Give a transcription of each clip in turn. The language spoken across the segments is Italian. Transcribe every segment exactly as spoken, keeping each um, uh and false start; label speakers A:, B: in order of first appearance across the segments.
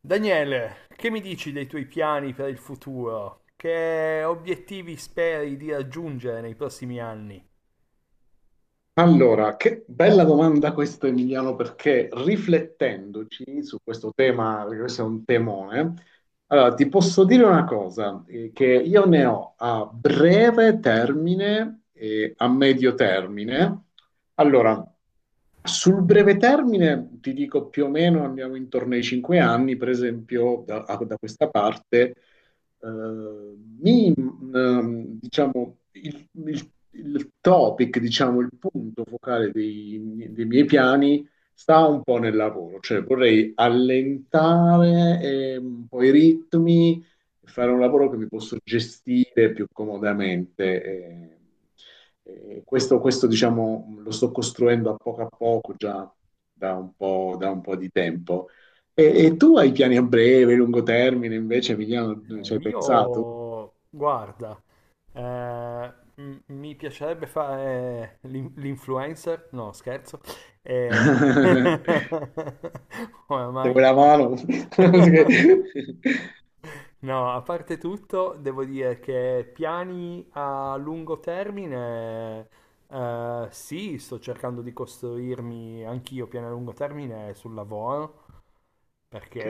A: Daniele, che mi dici dei tuoi piani per il futuro? Che obiettivi speri di raggiungere nei prossimi anni?
B: Allora, che bella domanda questa, Emiliano, perché riflettendoci su questo tema, perché questo è un temone, allora, ti posso dire una cosa, eh, che io ne ho a breve termine e a medio termine. Allora, sul breve termine, ti dico più o meno, andiamo intorno ai cinque anni, per esempio, da, a- da questa parte, eh, ehm, diciamo, il, il- il topic, diciamo, il punto focale dei, dei miei piani sta un po' nel lavoro, cioè vorrei allentare ehm, un po' i ritmi, fare un lavoro che mi posso gestire più comodamente. eh, eh, questo, questo, diciamo, lo sto costruendo a poco a poco già da un po', da un po' di tempo. E, e tu hai piani a breve, lungo termine, invece, Emiliano, ci
A: Eh,
B: hai pensato?
A: io, guarda, eh, m- mi piacerebbe fare l'in- l'influencer, no, scherzo. Eh,
B: Se
A: Oramai.
B: vuoi la mano.
A: No, a parte tutto, devo dire che piani a lungo termine. Eh, sì, sto cercando di costruirmi anch'io piani a lungo termine sul lavoro, perché
B: Ok,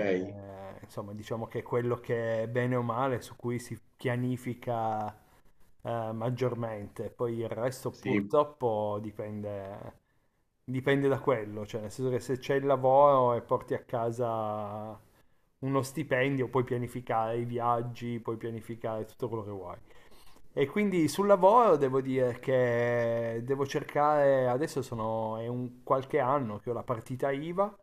A: eh, insomma diciamo che è quello che bene o male su cui si pianifica eh, maggiormente. Poi il resto
B: sì,
A: purtroppo dipende, dipende da quello, cioè nel senso che se c'è il lavoro e porti a casa uno stipendio, puoi pianificare i viaggi, puoi pianificare tutto quello che vuoi. E quindi sul lavoro devo dire che devo cercare, adesso sono, è un qualche anno che ho la partita I V A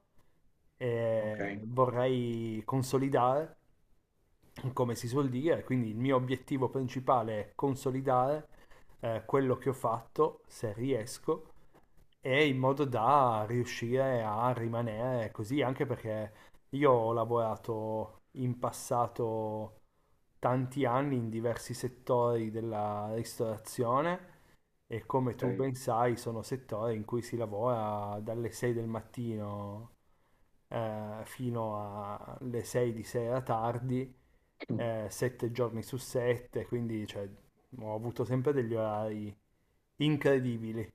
A: e
B: ok,
A: vorrei consolidare come si suol dire, quindi il mio obiettivo principale è consolidare eh, quello che ho fatto, se riesco, e in modo da riuscire a rimanere così, anche perché io ho lavorato in passato tanti anni in diversi settori della ristorazione e come tu
B: ok.
A: ben sai sono settori in cui si lavora dalle sei del mattino eh, fino alle sei di sera tardi, eh, sette giorni su sette, quindi cioè, ho avuto sempre degli orari incredibili.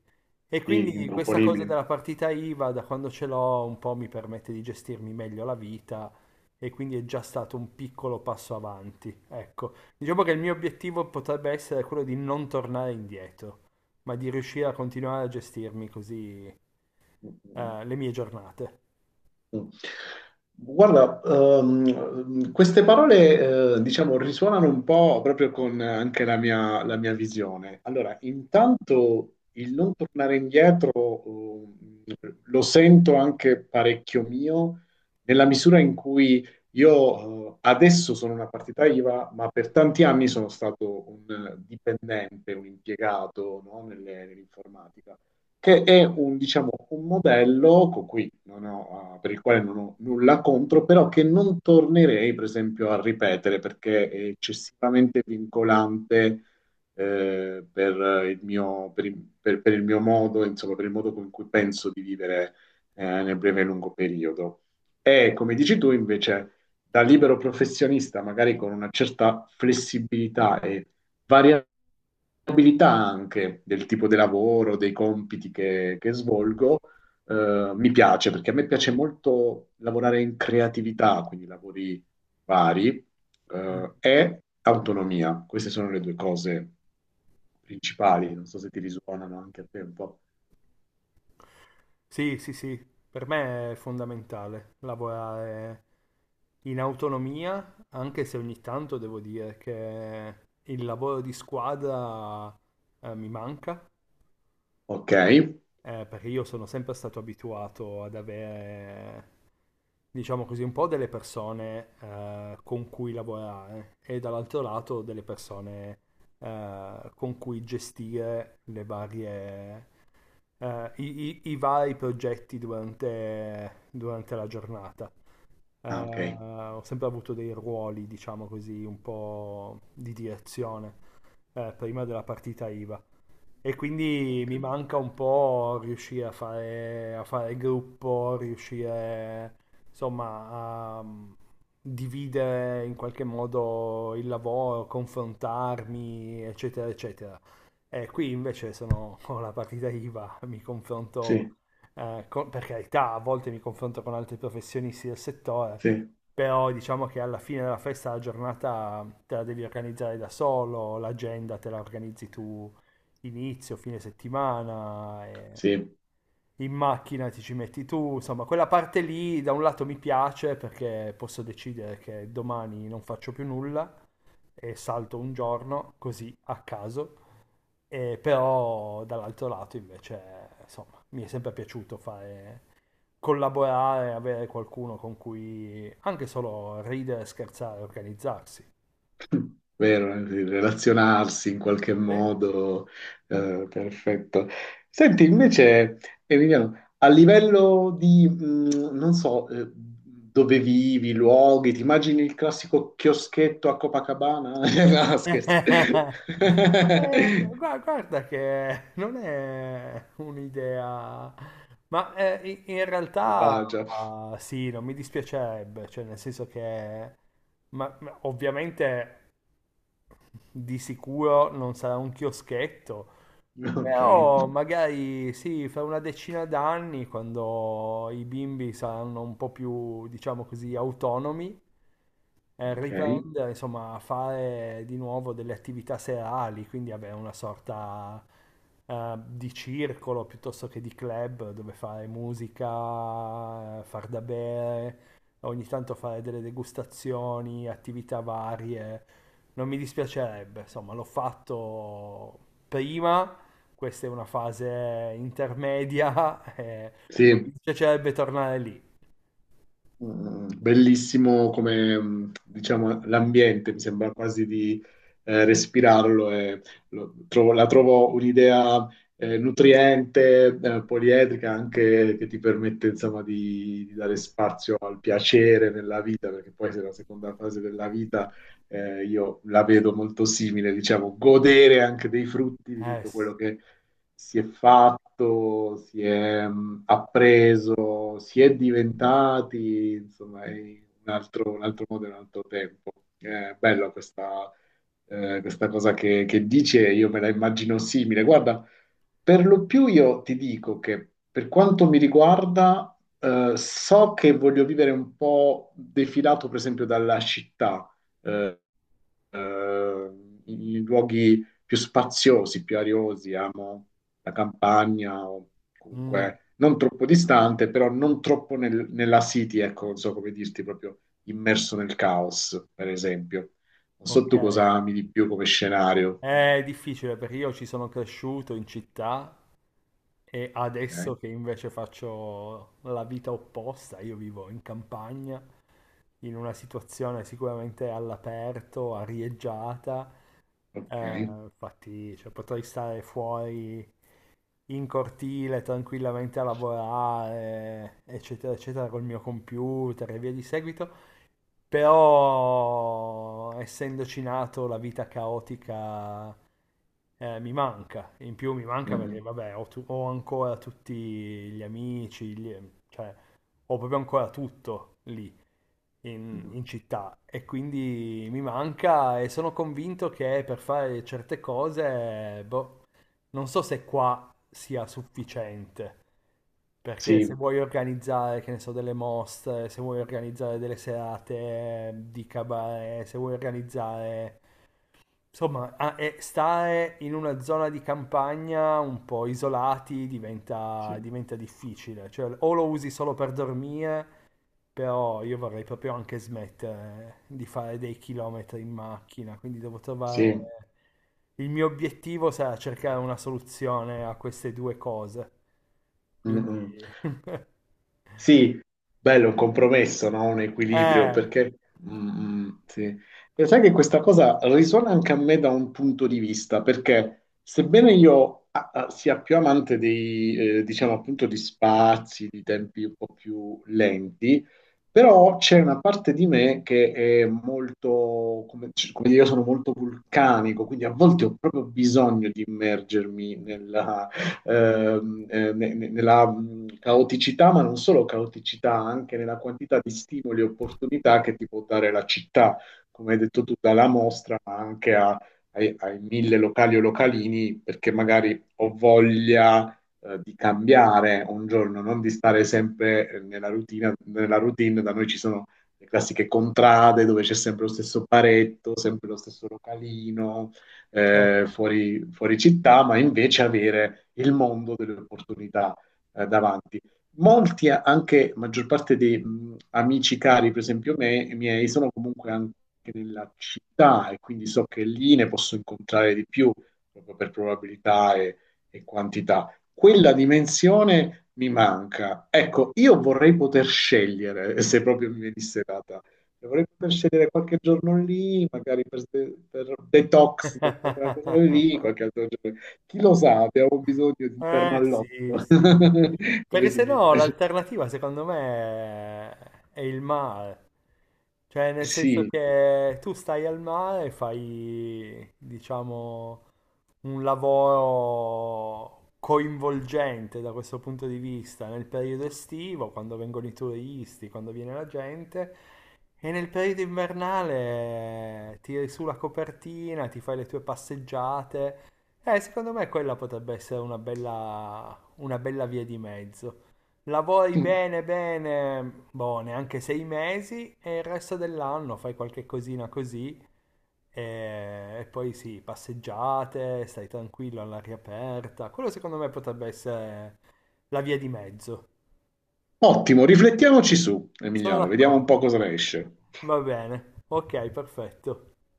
A: E
B: Sì,
A: quindi questa cosa
B: improponibile.
A: della partita I V A, da quando ce l'ho, un po' mi permette di gestirmi meglio la vita e quindi è già stato un piccolo passo avanti. Ecco, diciamo che il mio obiettivo potrebbe essere quello di non tornare indietro, ma di riuscire a continuare a gestirmi così, eh, le mie giornate.
B: Guarda, ehm, queste parole, eh, diciamo, risuonano un po' proprio con anche la mia, la mia visione. Allora, intanto il non tornare indietro, ehm, lo sento anche parecchio mio, nella misura in cui io, eh, adesso sono una partita IVA, ma per tanti anni sono stato un dipendente, un impiegato, no, nelle- nell'informatica che è un, diciamo, un modello con cui non ho, ah, per il quale non ho nulla contro, però che non tornerei, per esempio, a ripetere perché è eccessivamente vincolante eh, per il mio, per il- per- per il mio modo, insomma, per il modo con cui penso di vivere eh, nel breve e lungo periodo. E come dici tu, invece, da libero professionista, magari con una certa flessibilità e variabilità, abilità anche del tipo di lavoro, dei compiti che, che svolgo, eh, mi piace perché a me piace molto lavorare in creatività, quindi lavori vari, eh, e autonomia. Queste sono le due cose principali. Non so se ti risuonano anche a te un po'.
A: Sì, sì, sì, per me è fondamentale lavorare in autonomia, anche se ogni tanto devo dire che il lavoro di squadra eh, mi manca,
B: Ok?
A: eh, perché io sono sempre stato abituato ad avere, diciamo così, un po' delle persone eh, con cui lavorare e dall'altro lato delle persone eh, con cui gestire le varie, eh, i, i- i vari progetti durante, durante la giornata. Eh,
B: Ah, ok.
A: ho sempre avuto dei ruoli, diciamo così, un po' di direzione, eh, prima della partita I V A. E quindi
B: Ok.
A: mi manca un po' riuscire a fare a fare gruppo, riuscire insomma a mm, dividere in qualche modo il lavoro, confrontarmi, eccetera, eccetera. E qui invece sono con la partita I V A, mi confronto,
B: Sì,
A: eh, con- per carità, a volte mi confronto con altri professionisti del settore,
B: sì,
A: però diciamo che alla fine della festa la giornata te la devi organizzare da solo, l'agenda te la organizzi tu inizio, fine settimana, e
B: sì.
A: in macchina ti ci metti tu, insomma, quella parte lì da un lato mi piace perché posso decidere che domani non faccio più nulla e salto un giorno così a caso, e però dall'altro lato invece, insomma, mi è sempre piaciuto fare collaborare, avere qualcuno con cui anche solo ridere, scherzare, organizzarsi.
B: Vero, eh, sì, relazionarsi in qualche
A: Sì.
B: modo, eh, perfetto. Senti, invece, Emiliano, a livello di, mh, non so, eh, dove vivi, luoghi, ti immagini il classico chioschetto a Copacabana? No, scherzo.
A: Eh, gua- guarda che non è un'idea, ma eh, in in realtà,
B: Malvagia.
A: ah, sì, non mi dispiacerebbe, cioè nel senso che ma- ma ovviamente di sicuro non sarà un chioschetto,
B: Ok,
A: però magari sì, fra una decina d'anni, quando i bimbi saranno un po' più, diciamo così, autonomi, eh,
B: ok.
A: riprendere, insomma, a fare di nuovo delle attività serali, quindi avere una sorta, eh, di circolo piuttosto che di club dove fare musica, eh, far da bere, ogni tanto fare delle degustazioni, attività varie. Non mi dispiacerebbe, insomma, l'ho fatto prima. Questa è una fase intermedia, eh, non
B: Sì.
A: mi piacerebbe tornare lì.
B: Mm, Bellissimo come, mm, diciamo, l'ambiente, mi sembra quasi di eh, respirarlo e lo- trovo- la trovo un'idea eh, nutriente, eh, poliedrica, anche che ti permette, insomma, di, di dare spazio al piacere nella vita, perché poi se la seconda fase della vita eh, io la vedo molto simile, diciamo, godere anche dei frutti di
A: Eh
B: tutto
A: sì.
B: quello che si è fatto, si è mh, appreso, si è diventati, insomma, è un altro, un altro modo e un altro tempo. È bella questa, eh, questa cosa che, che dici e io me la immagino simile. Guarda, per lo più io ti dico che per quanto mi riguarda, eh, so che voglio vivere un po' defilato, per esempio, dalla città. eh, eh, i luoghi più spaziosi, più ariosi, amo la campagna, o
A: Mm.
B: comunque non troppo distante, però non troppo nel- nella city, ecco, non so come dirti, proprio immerso nel caos, per esempio. Non so
A: Ok.
B: tu cosa ami di più come scenario.
A: È difficile perché io ci sono cresciuto in città e adesso
B: Ok,
A: che invece faccio la vita opposta, io vivo in campagna, in una situazione sicuramente all'aperto, arieggiata, eh,
B: ok.
A: infatti cioè, potrei stare fuori in cortile tranquillamente a lavorare, eccetera, eccetera, col mio computer e via di seguito. Però, essendoci nato, la vita caotica eh, mi manca. In più mi
B: Mm,
A: manca perché,
B: mm,
A: vabbè, ho, tu- ho ancora tutti gli amici, gli- cioè, ho proprio ancora tutto lì in,
B: mm.
A: in città e quindi mi manca e sono convinto che per fare certe cose, boh, non so se qua sia sufficiente, perché se
B: Sì,
A: vuoi organizzare, che ne so, delle mostre, se vuoi organizzare delle serate di cabaret, se vuoi organizzare... Insomma, a- e stare in una zona di campagna un po' isolati diventa,
B: sì,
A: diventa difficile, cioè o lo usi solo per dormire però io vorrei proprio anche smettere di fare dei chilometri in macchina, quindi devo trovare...
B: sì.
A: Il mio obiettivo sarà cercare una soluzione a queste due cose.
B: Mm,
A: Quindi...
B: mm. Sì, bello, un compromesso, no? Un equilibrio,
A: Eh,
B: perché. Mm, mm, sì. E sai che questa cosa risuona anche a me da un punto di vista, perché sebbene io ah, ah, sia più amante dei, eh, diciamo appunto, di spazi, di tempi un po' più lenti, però c'è una parte di me che è molto, come, come dire, io sono molto vulcanico, quindi a volte ho proprio bisogno di immergermi nella ehm, eh, ne- ne- nella mh, caoticità, ma non solo caoticità, anche nella quantità di stimoli e opportunità che ti può dare la città, come hai detto tu, dalla mostra, ma anche a- ai, ai mille locali o localini, perché magari ho voglia eh, di cambiare un giorno, non di stare sempre eh, nella routine, nella routine. Da noi ci sono le classiche contrade dove c'è sempre lo stesso paretto, sempre lo stesso localino,
A: certo.
B: eh, fuori, fuori città, ma invece avere il mondo delle opportunità eh, davanti. Molti, anche maggior parte dei mh, amici cari, per esempio me, miei, sono comunque anche nella città e quindi so che lì ne posso incontrare di più proprio per probabilità e, e quantità. Quella dimensione mi manca. Ecco, io vorrei poter scegliere se proprio mi venisse data. Dovrei poter scegliere qualche giorno lì, magari per, per detox, per quella cosa lì, qualche altro giorno. Chi lo sa, abbiamo bisogno di interno
A: Eh sì,
B: all'otto,
A: sì.
B: come
A: Perché
B: si
A: se
B: dice.
A: no l'alternativa secondo me è il mare. Cioè nel senso
B: Sì.
A: che tu stai al mare e fai, diciamo, un lavoro coinvolgente da questo punto di vista nel periodo estivo, quando vengono i turisti, quando viene la gente, e nel periodo invernale tiri su la copertina, ti fai le tue passeggiate. Eh, secondo me quella potrebbe essere una bella, una bella via di mezzo. Lavori bene, bene, boh, neanche sei mesi e il resto dell'anno fai qualche cosina così e, e poi sì, passeggiate, stai tranquillo all'aria aperta. Quello secondo me potrebbe essere la via di mezzo.
B: Ottimo, riflettiamoci su,
A: Sono
B: Emiliano, vediamo un po' cosa
A: d'accordo.
B: ne esce.
A: Va bene. Ok, perfetto.